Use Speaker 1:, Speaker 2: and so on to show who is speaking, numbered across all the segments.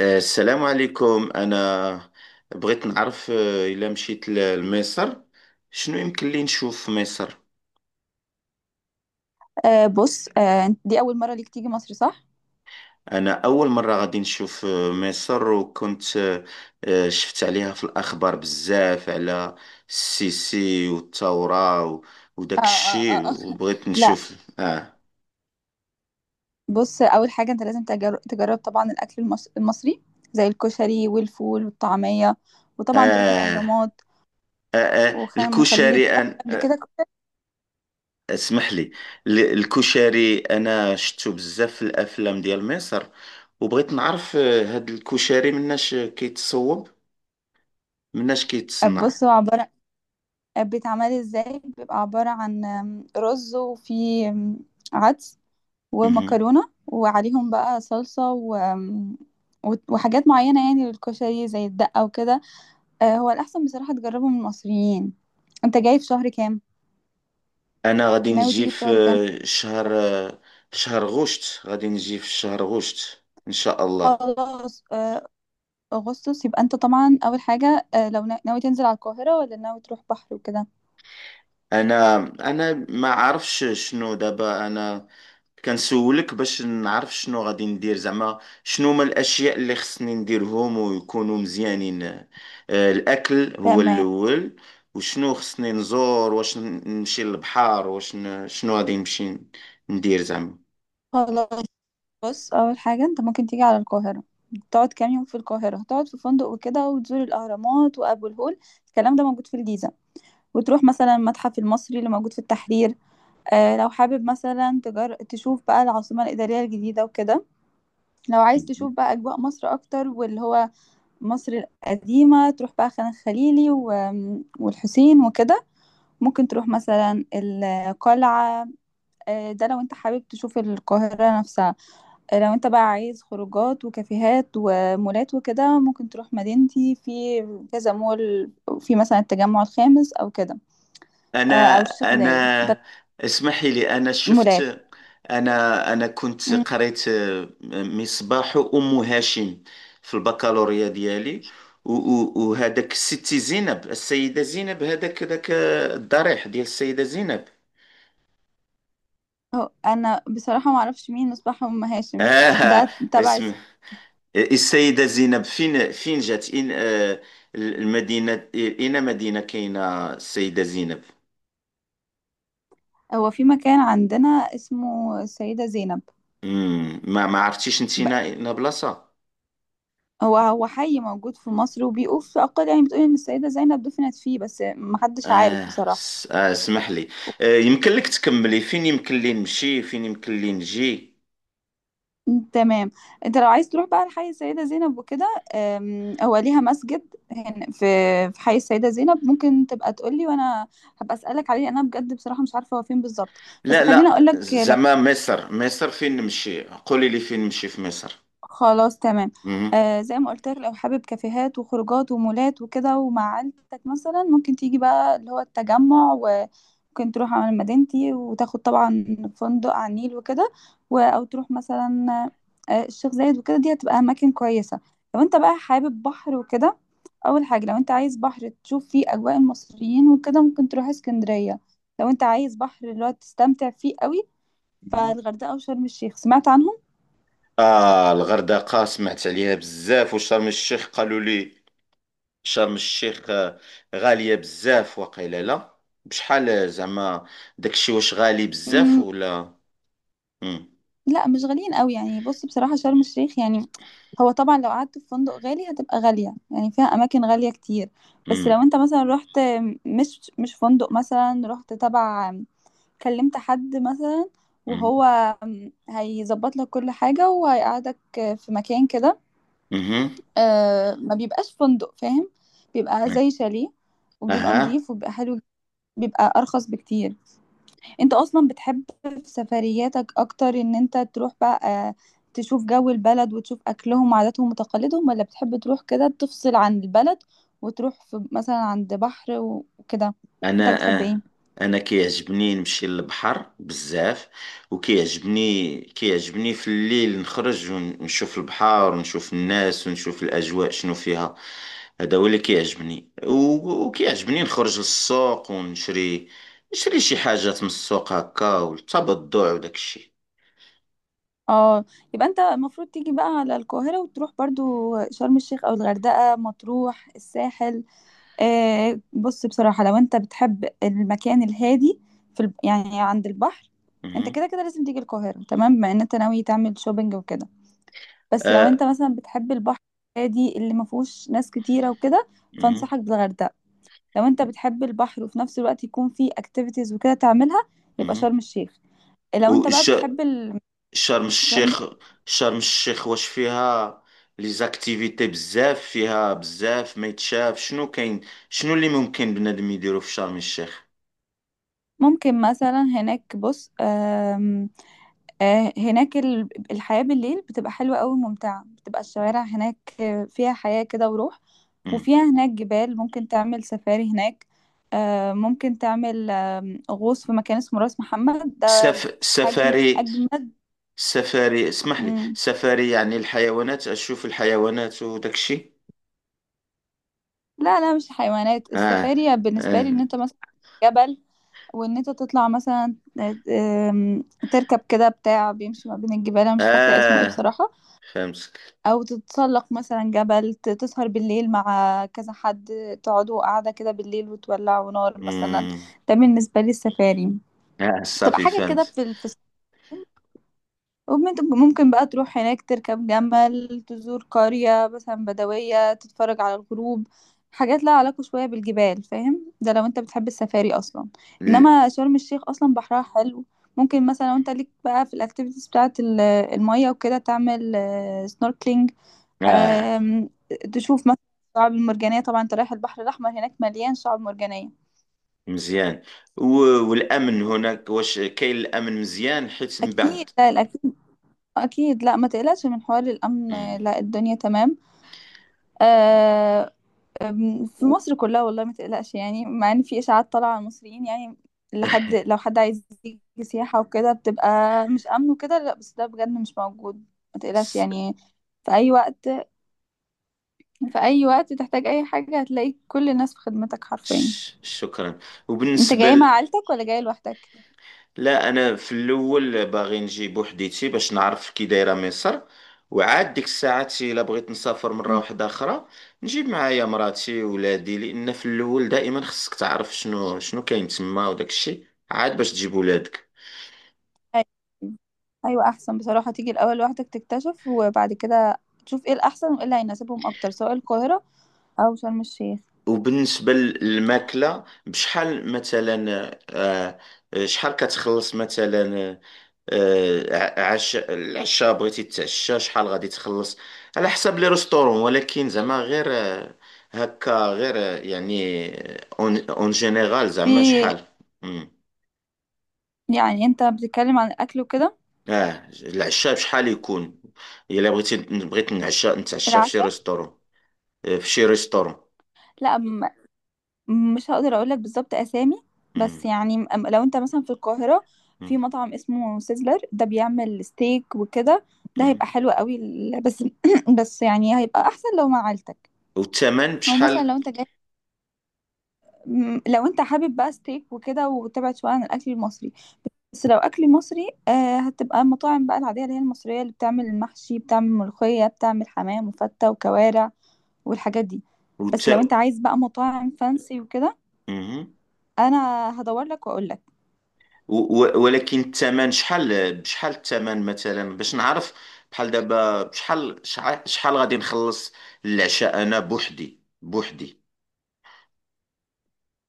Speaker 1: السلام عليكم. أنا بغيت نعرف، إلا مشيت لمصر، شنو يمكن لي نشوف في مصر؟
Speaker 2: بص، دي أول مرة ليك تيجي مصر صح؟
Speaker 1: أنا أول مرة غادي نشوف مصر. وكنت آه، آه، شفت عليها في الأخبار بزاف على السيسي والثورة
Speaker 2: آه
Speaker 1: وداك
Speaker 2: آه
Speaker 1: الشي،
Speaker 2: آه. آه.
Speaker 1: وبغيت
Speaker 2: لا.
Speaker 1: نشوف. آه
Speaker 2: بص، أول حاجة أنت لازم تجرب طبعا الأكل المصري، زي الكشري والفول والطعمية، وطبعا تروح
Speaker 1: آه,
Speaker 2: الأهرامات
Speaker 1: آه, آه
Speaker 2: وخان خليلي.
Speaker 1: الكشري
Speaker 2: جربت
Speaker 1: أن
Speaker 2: قبل
Speaker 1: آه،
Speaker 2: كده كشري؟
Speaker 1: اسمح لي. الكشري انا شفتو بزاف في الافلام ديال مصر، وبغيت نعرف هاد الكشري مناش كيتصوب، مناش كيتصنع.
Speaker 2: بص، هو عبارة بيتعمل ازاي. بيبقى عبارة عن رز، وفي عدس
Speaker 1: مهم.
Speaker 2: ومكرونة، وعليهم بقى صلصة و... آم، وحاجات معينة يعني للكشري زي الدقة وكده. هو الأحسن بصراحة تجربه من المصريين. انت جاي في شهر كام؟
Speaker 1: انا غادي
Speaker 2: ناوي
Speaker 1: نجي
Speaker 2: تيجي في
Speaker 1: في
Speaker 2: شهر كام؟
Speaker 1: آه، شهر آه، في شهر غشت غادي نجي، في شهر غشت ان شاء الله.
Speaker 2: خلاص أغسطس. يبقى انت طبعا أول حاجة، لو ناوي تنزل على القاهرة، ولا ناوي تروح بحر وكده.
Speaker 1: انا انا ما عارفش شنو دابا. انا كنسولك باش نعرف شنو غادي ندير زعما، شنو هما الاشياء اللي خصني نديرهم ويكونوا مزيانين. الاكل هو
Speaker 2: تمام،
Speaker 1: الاول، وشنو خصني نزور، واش نمشي للبحر، واش شنو غادي نمشي ندير زعما.
Speaker 2: خلاص. بص، أول حاجة انت ممكن تيجي على القاهرة، تقعد كام يوم في القاهرة، تقعد في فندق وكده وتزور الأهرامات وأبو الهول. الكلام ده موجود في الجيزة. وتروح مثلا المتحف المصري اللي موجود في التحرير. لو حابب مثلا تشوف بقى العاصمة الإدارية الجديدة وكده. لو عايز تشوف بقى أجواء مصر أكتر، واللي هو مصر القديمة، تروح بقى خان الخليلي والحسين وكده. ممكن تروح مثلا القلعة. ده لو انت حابب تشوف القاهرة نفسها. لو انت بقى عايز خروجات وكافيهات ومولات وكده، ممكن تروح مدينتي، في كذا مول، في مثلا التجمع الخامس أو كده،
Speaker 1: أنا
Speaker 2: أو الشيخ زايد ده.
Speaker 1: أنا اسمحي لي. أنا
Speaker 2: مولات.
Speaker 1: شفت أنا أنا كنت
Speaker 2: مم.
Speaker 1: قريت مصباح أم هاشم في البكالوريا ديالي. وهذاك ستي زينب، السيدة زينب، هذاك ذاك آه، الضريح ديال السيدة زينب.
Speaker 2: أنا بصراحة معرفش مين مصباح أم هاشم.
Speaker 1: آه
Speaker 2: ده تبع
Speaker 1: اسم السيدة زينب، فين جات، إن آه المدينة؟ مدينة كاينة السيدة زينب؟
Speaker 2: هو في مكان عندنا اسمه السيدة زينب.
Speaker 1: ما عرفتيش انت،
Speaker 2: ب-
Speaker 1: نا بلاصة؟
Speaker 2: هو حي موجود في مصر، وبيقول في أقل يعني بتقول إن السيدة زينب دفنت فيه، بس محدش عارف بصراحة.
Speaker 1: اسمح لي. يمكن لك تكملي فين يمكن لي نمشي، فين يمكن لي نجي؟
Speaker 2: تمام. انت لو عايز تروح بقى لحي السيدة زينب وكده، هو ليها مسجد هنا في في حي السيدة زينب. ممكن تبقى تقولي وانا هبقى اسألك عليه، انا بجد بصراحة مش عارفة هو فين بالظبط. بس
Speaker 1: لا،
Speaker 2: خليني
Speaker 1: لا،
Speaker 2: اقولك.
Speaker 1: زعما مصر، فين نمشي؟ قولي لي فين نمشي في مصر.
Speaker 2: خلاص، تمام.
Speaker 1: مهم.
Speaker 2: آه، زي ما قلت لك، لو حابب كافيهات وخروجات ومولات وكده، ومع عيلتك مثلا، ممكن تيجي بقى اللي هو التجمع، وممكن تروح على مدينتي وتاخد طبعا فندق على النيل وكده، او تروح مثلا آه الشيخ زايد وكده، دي هتبقى اماكن كويسة. لو انت بقى حابب بحر وكده، اول حاجة لو انت عايز بحر تشوف فيه اجواء المصريين وكده، ممكن تروح اسكندرية. لو انت عايز بحر اللي هو تستمتع فيه قوي،
Speaker 1: مهم.
Speaker 2: فالغردقة وشرم الشيخ سمعت عنهم.
Speaker 1: الغردقة سمعت عليها بزاف، وشرم الشيخ قالوا لي شرم الشيخ غالية بزاف، وقيلا لا. بشحال زعما؟ داكشي واش غالي بزاف ولا؟ مم.
Speaker 2: لا، مش غاليين قوي يعني. بص بصراحة شرم الشيخ يعني، هو طبعا لو قعدت في فندق غالي هتبقى غالية، يعني فيها أماكن غالية كتير. بس لو
Speaker 1: مم.
Speaker 2: انت مثلا رحت، مش فندق، مثلا رحت تبع، كلمت حد مثلا
Speaker 1: مم.
Speaker 2: وهو هيظبط لك كل حاجة وهيقعدك في مكان كده.
Speaker 1: مهم.
Speaker 2: ما بيبقاش فندق، فاهم؟ بيبقى زي شاليه، وبيبقى
Speaker 1: اها.
Speaker 2: نظيف وبيبقى حلو. بيبقى أرخص بكتير. انت اصلا بتحب في سفرياتك اكتر ان انت تروح بقى، آه، تشوف جو البلد وتشوف اكلهم وعاداتهم وتقاليدهم، ولا بتحب تروح كده تفصل عن البلد، وتروح في مثلا عند بحر وكده؟ انت
Speaker 1: انا
Speaker 2: بتحب
Speaker 1: آه،
Speaker 2: ايه؟
Speaker 1: انا كيعجبني نمشي للبحر بزاف، وكيعجبني كيعجبني في الليل نخرج ونشوف البحر، ونشوف الناس، ونشوف الاجواء شنو فيها. هذا هو اللي كيعجبني، وكيعجبني نخرج للسوق، ونشري نشري شي حاجات من السوق هكا، والتبضع وداك الشيء.
Speaker 2: اه، يبقى انت المفروض تيجي بقى على القاهرة، وتروح برضو شرم الشيخ او الغردقة، مطروح، الساحل. آه، بص بصراحة لو انت بتحب المكان الهادي، يعني عند البحر، انت
Speaker 1: مهم.
Speaker 2: كده كده لازم تيجي القاهرة تمام، بما ان انت ناوي تعمل شوبينج وكده. بس لو انت
Speaker 1: آه.
Speaker 2: مثلا بتحب البحر الهادي اللي ما فيهوش ناس كتيره وكده،
Speaker 1: مهم.
Speaker 2: فانصحك بالغردقه. لو انت بتحب البحر، وفي نفس الوقت يكون فيه اكتيفيتيز وكده تعملها، يبقى
Speaker 1: مهم.
Speaker 2: شرم الشيخ. لو انت بقى
Speaker 1: وش
Speaker 2: بتحب
Speaker 1: شرم
Speaker 2: شرم،
Speaker 1: الشيخ شرم الشيخ واش فيها لي زاكتيفيتي بزاف، فيها بزاف ما يتشاف، شنو كاين، شنو اللي ممكن بنادم يديرو في شرم الشيخ؟
Speaker 2: ممكن مثلا هناك، بص آم، آه، هناك الحياه بالليل بتبقى حلوه قوي وممتعه، بتبقى الشوارع هناك فيها حياه كده وروح،
Speaker 1: مم.
Speaker 2: وفيها هناك جبال ممكن تعمل سفاري هناك. ممكن تعمل غوص في مكان اسمه راس محمد،
Speaker 1: سف...
Speaker 2: حاجة من
Speaker 1: سفاري
Speaker 2: أجمد.
Speaker 1: سفاري اسمح لي.
Speaker 2: مم.
Speaker 1: سفاري يعني الحيوانات، اشوف الحيوانات وداك الشيء؟
Speaker 2: لا لا، مش حيوانات.
Speaker 1: اه.
Speaker 2: السفاري بالنسبة لي
Speaker 1: اه.
Speaker 2: إن أنت مثلا جبل، وإن أنت تطلع مثلا، آم، تركب كده بتاع بيمشي ما بين الجبال، أنا مش فاكرة اسمه إيه
Speaker 1: آه.
Speaker 2: بصراحة.
Speaker 1: فهمتك.
Speaker 2: أو تتسلق مثلا جبل، تسهر بالليل مع كذا حد، تقعدوا قاعدة كده بالليل وتولعوا نار مثلا.
Speaker 1: مم.
Speaker 2: ده بالنسبة لي السفاري.
Speaker 1: اه،
Speaker 2: تبقى
Speaker 1: صافي،
Speaker 2: حاجة كده
Speaker 1: فهمت.
Speaker 2: في في الصحراء، ممكن بقى تروح هناك، تركب جمل، تزور قرية مثلا بدوية، تتفرج على الغروب، حاجات لها علاقة شوية بالجبال، فاهم؟ ده لو انت بتحب السفاري اصلا.
Speaker 1: ال-
Speaker 2: انما شرم الشيخ اصلا بحرها حلو، ممكن مثلا لو انت ليك بقى في الاكتيفيتيز بتاعة المية وكده، تعمل سنوركلينج،
Speaker 1: اه،
Speaker 2: تشوف مثلا الشعاب المرجانية. طبعا انت رايح البحر الأحمر، هناك مليان شعاب مرجانية.
Speaker 1: مزيان. و... والامن هناك، واش كاين الامن مزيان، حيت من
Speaker 2: أكيد،
Speaker 1: بعد؟
Speaker 2: لا الأكيد، أكيد لا ما تقلقش من حوار الأمن.
Speaker 1: مم.
Speaker 2: لا، الدنيا تمام. آه أم، في
Speaker 1: و-
Speaker 2: مصر كلها والله ما تقلقش، يعني مع ان في اشاعات طالعه على المصريين، يعني لحد لو حد عايز يجي سياحه وكده بتبقى مش امن وكده، لا، بس ده بجد مش موجود. ما تقلقش
Speaker 1: س-
Speaker 2: يعني، في اي وقت، في اي وقت تحتاج اي حاجه، هتلاقي كل الناس في خدمتك حرفيا.
Speaker 1: شكرا.
Speaker 2: انت
Speaker 1: وبالنسبة
Speaker 2: جاي مع عيلتك ولا جاي لوحدك؟
Speaker 1: لا، أنا في الأول باغي نجي بوحديتي باش نعرف كي دايرة مصر، وعاد ديك الساعات إلا بغيت نسافر مرة
Speaker 2: مم.
Speaker 1: واحدة أخرى، نجيب معايا مراتي ولادي، لأن في الأول دائما خصك تعرف شنو كاين تما وداك الشيء، عاد باش تجيب ولادك.
Speaker 2: أيوة. ايوه، احسن بصراحه تيجي الاول لوحدك تكتشف، وبعد كده تشوف ايه الاحسن وايه اللي هيناسبهم اكتر، سواء القاهره او شرم الشيخ.
Speaker 1: وبالنسبة للماكلة بشحال مثلا؟ آه، شحال كتخلص مثلا؟ آه، آه، عش العشاء، بغيتي تتعشى شحال غادي تخلص؟ على حسب لي ريستورون، ولكن زعما غير هكا، غير يعني اون جينيرال، زعما
Speaker 2: في،
Speaker 1: شحال؟ مم.
Speaker 2: يعني انت بتتكلم عن الاكل وكده؟
Speaker 1: اه، العشاء بشحال يكون؟ الا بغيت نتعشى في شي
Speaker 2: العشاء،
Speaker 1: ريستورون، في شي ريستورون.
Speaker 2: لا م- مش هقدر اقول لك بالظبط اسامي، بس
Speaker 1: مم.
Speaker 2: يعني، لو انت مثلا في القاهرة، في
Speaker 1: مم.
Speaker 2: مطعم اسمه سيزلر، ده بيعمل ستيك وكده، ده
Speaker 1: مم.
Speaker 2: هيبقى حلو قوي. بس بس يعني هيبقى احسن لو مع عيلتك.
Speaker 1: والثمن
Speaker 2: او
Speaker 1: بشحال؟
Speaker 2: مثلا لو انت جاي، لو انت حابب بقى ستيك وكده وتبعد شويه عن الاكل المصري. بس لو اكل مصري، هتبقى المطاعم بقى العاديه اللي هي المصريه، اللي بتعمل المحشي، بتعمل ملوخيه، بتعمل حمام وفته وكوارع والحاجات دي.
Speaker 1: والت...
Speaker 2: بس لو انت عايز بقى مطاعم فانسي وكده، انا هدور لك واقول لك.
Speaker 1: ولكن الثمن شحال، بشحال الثمن مثلا، باش نعرف. بحال دابا، بشحال شحال غادي نخلص العشاء، انا بوحدي بوحدي؟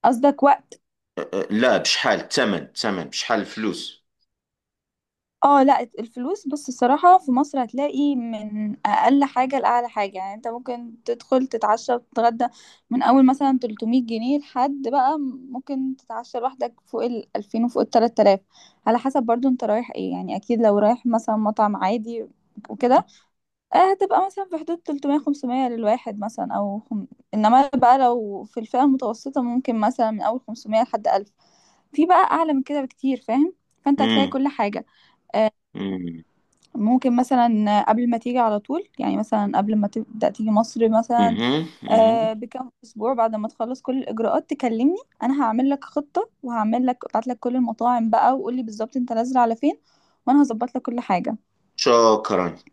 Speaker 2: قصدك وقت؟
Speaker 1: لا، بشحال الثمن بشحال، الفلوس.
Speaker 2: اه، لا، الفلوس. بص، الصراحة في مصر هتلاقي من اقل حاجة لاعلى حاجة. يعني انت ممكن تدخل تتعشى وتتغدى من اول مثلا 300 جنيه، لحد بقى ممكن تتعشى لوحدك فوق ال 2000 وفوق ال 3000، على حسب برضو انت رايح ايه. يعني اكيد لو رايح مثلا مطعم عادي وكده، هتبقى مثلا في حدود 300 500 للواحد مثلا، انما بقى لو في الفئة المتوسطة، ممكن مثلا من اول 500 لحد ألف. في بقى اعلى من كده بكتير، فاهم؟ فانت هتلاقي
Speaker 1: امم.
Speaker 2: كل حاجه. آه،
Speaker 1: امم.
Speaker 2: ممكن مثلا قبل ما تيجي على طول، يعني مثلا قبل ما تبدا تيجي مصر مثلا،
Speaker 1: اها، اها،
Speaker 2: بكام اسبوع بعد ما تخلص كل الاجراءات، تكلمني. انا هعمل لك خطه، وهعمل لك، ابعت لك كل المطاعم بقى، وقول لي بالظبط انت نازله على فين وانا هظبط لك كل حاجه.
Speaker 1: شكرا.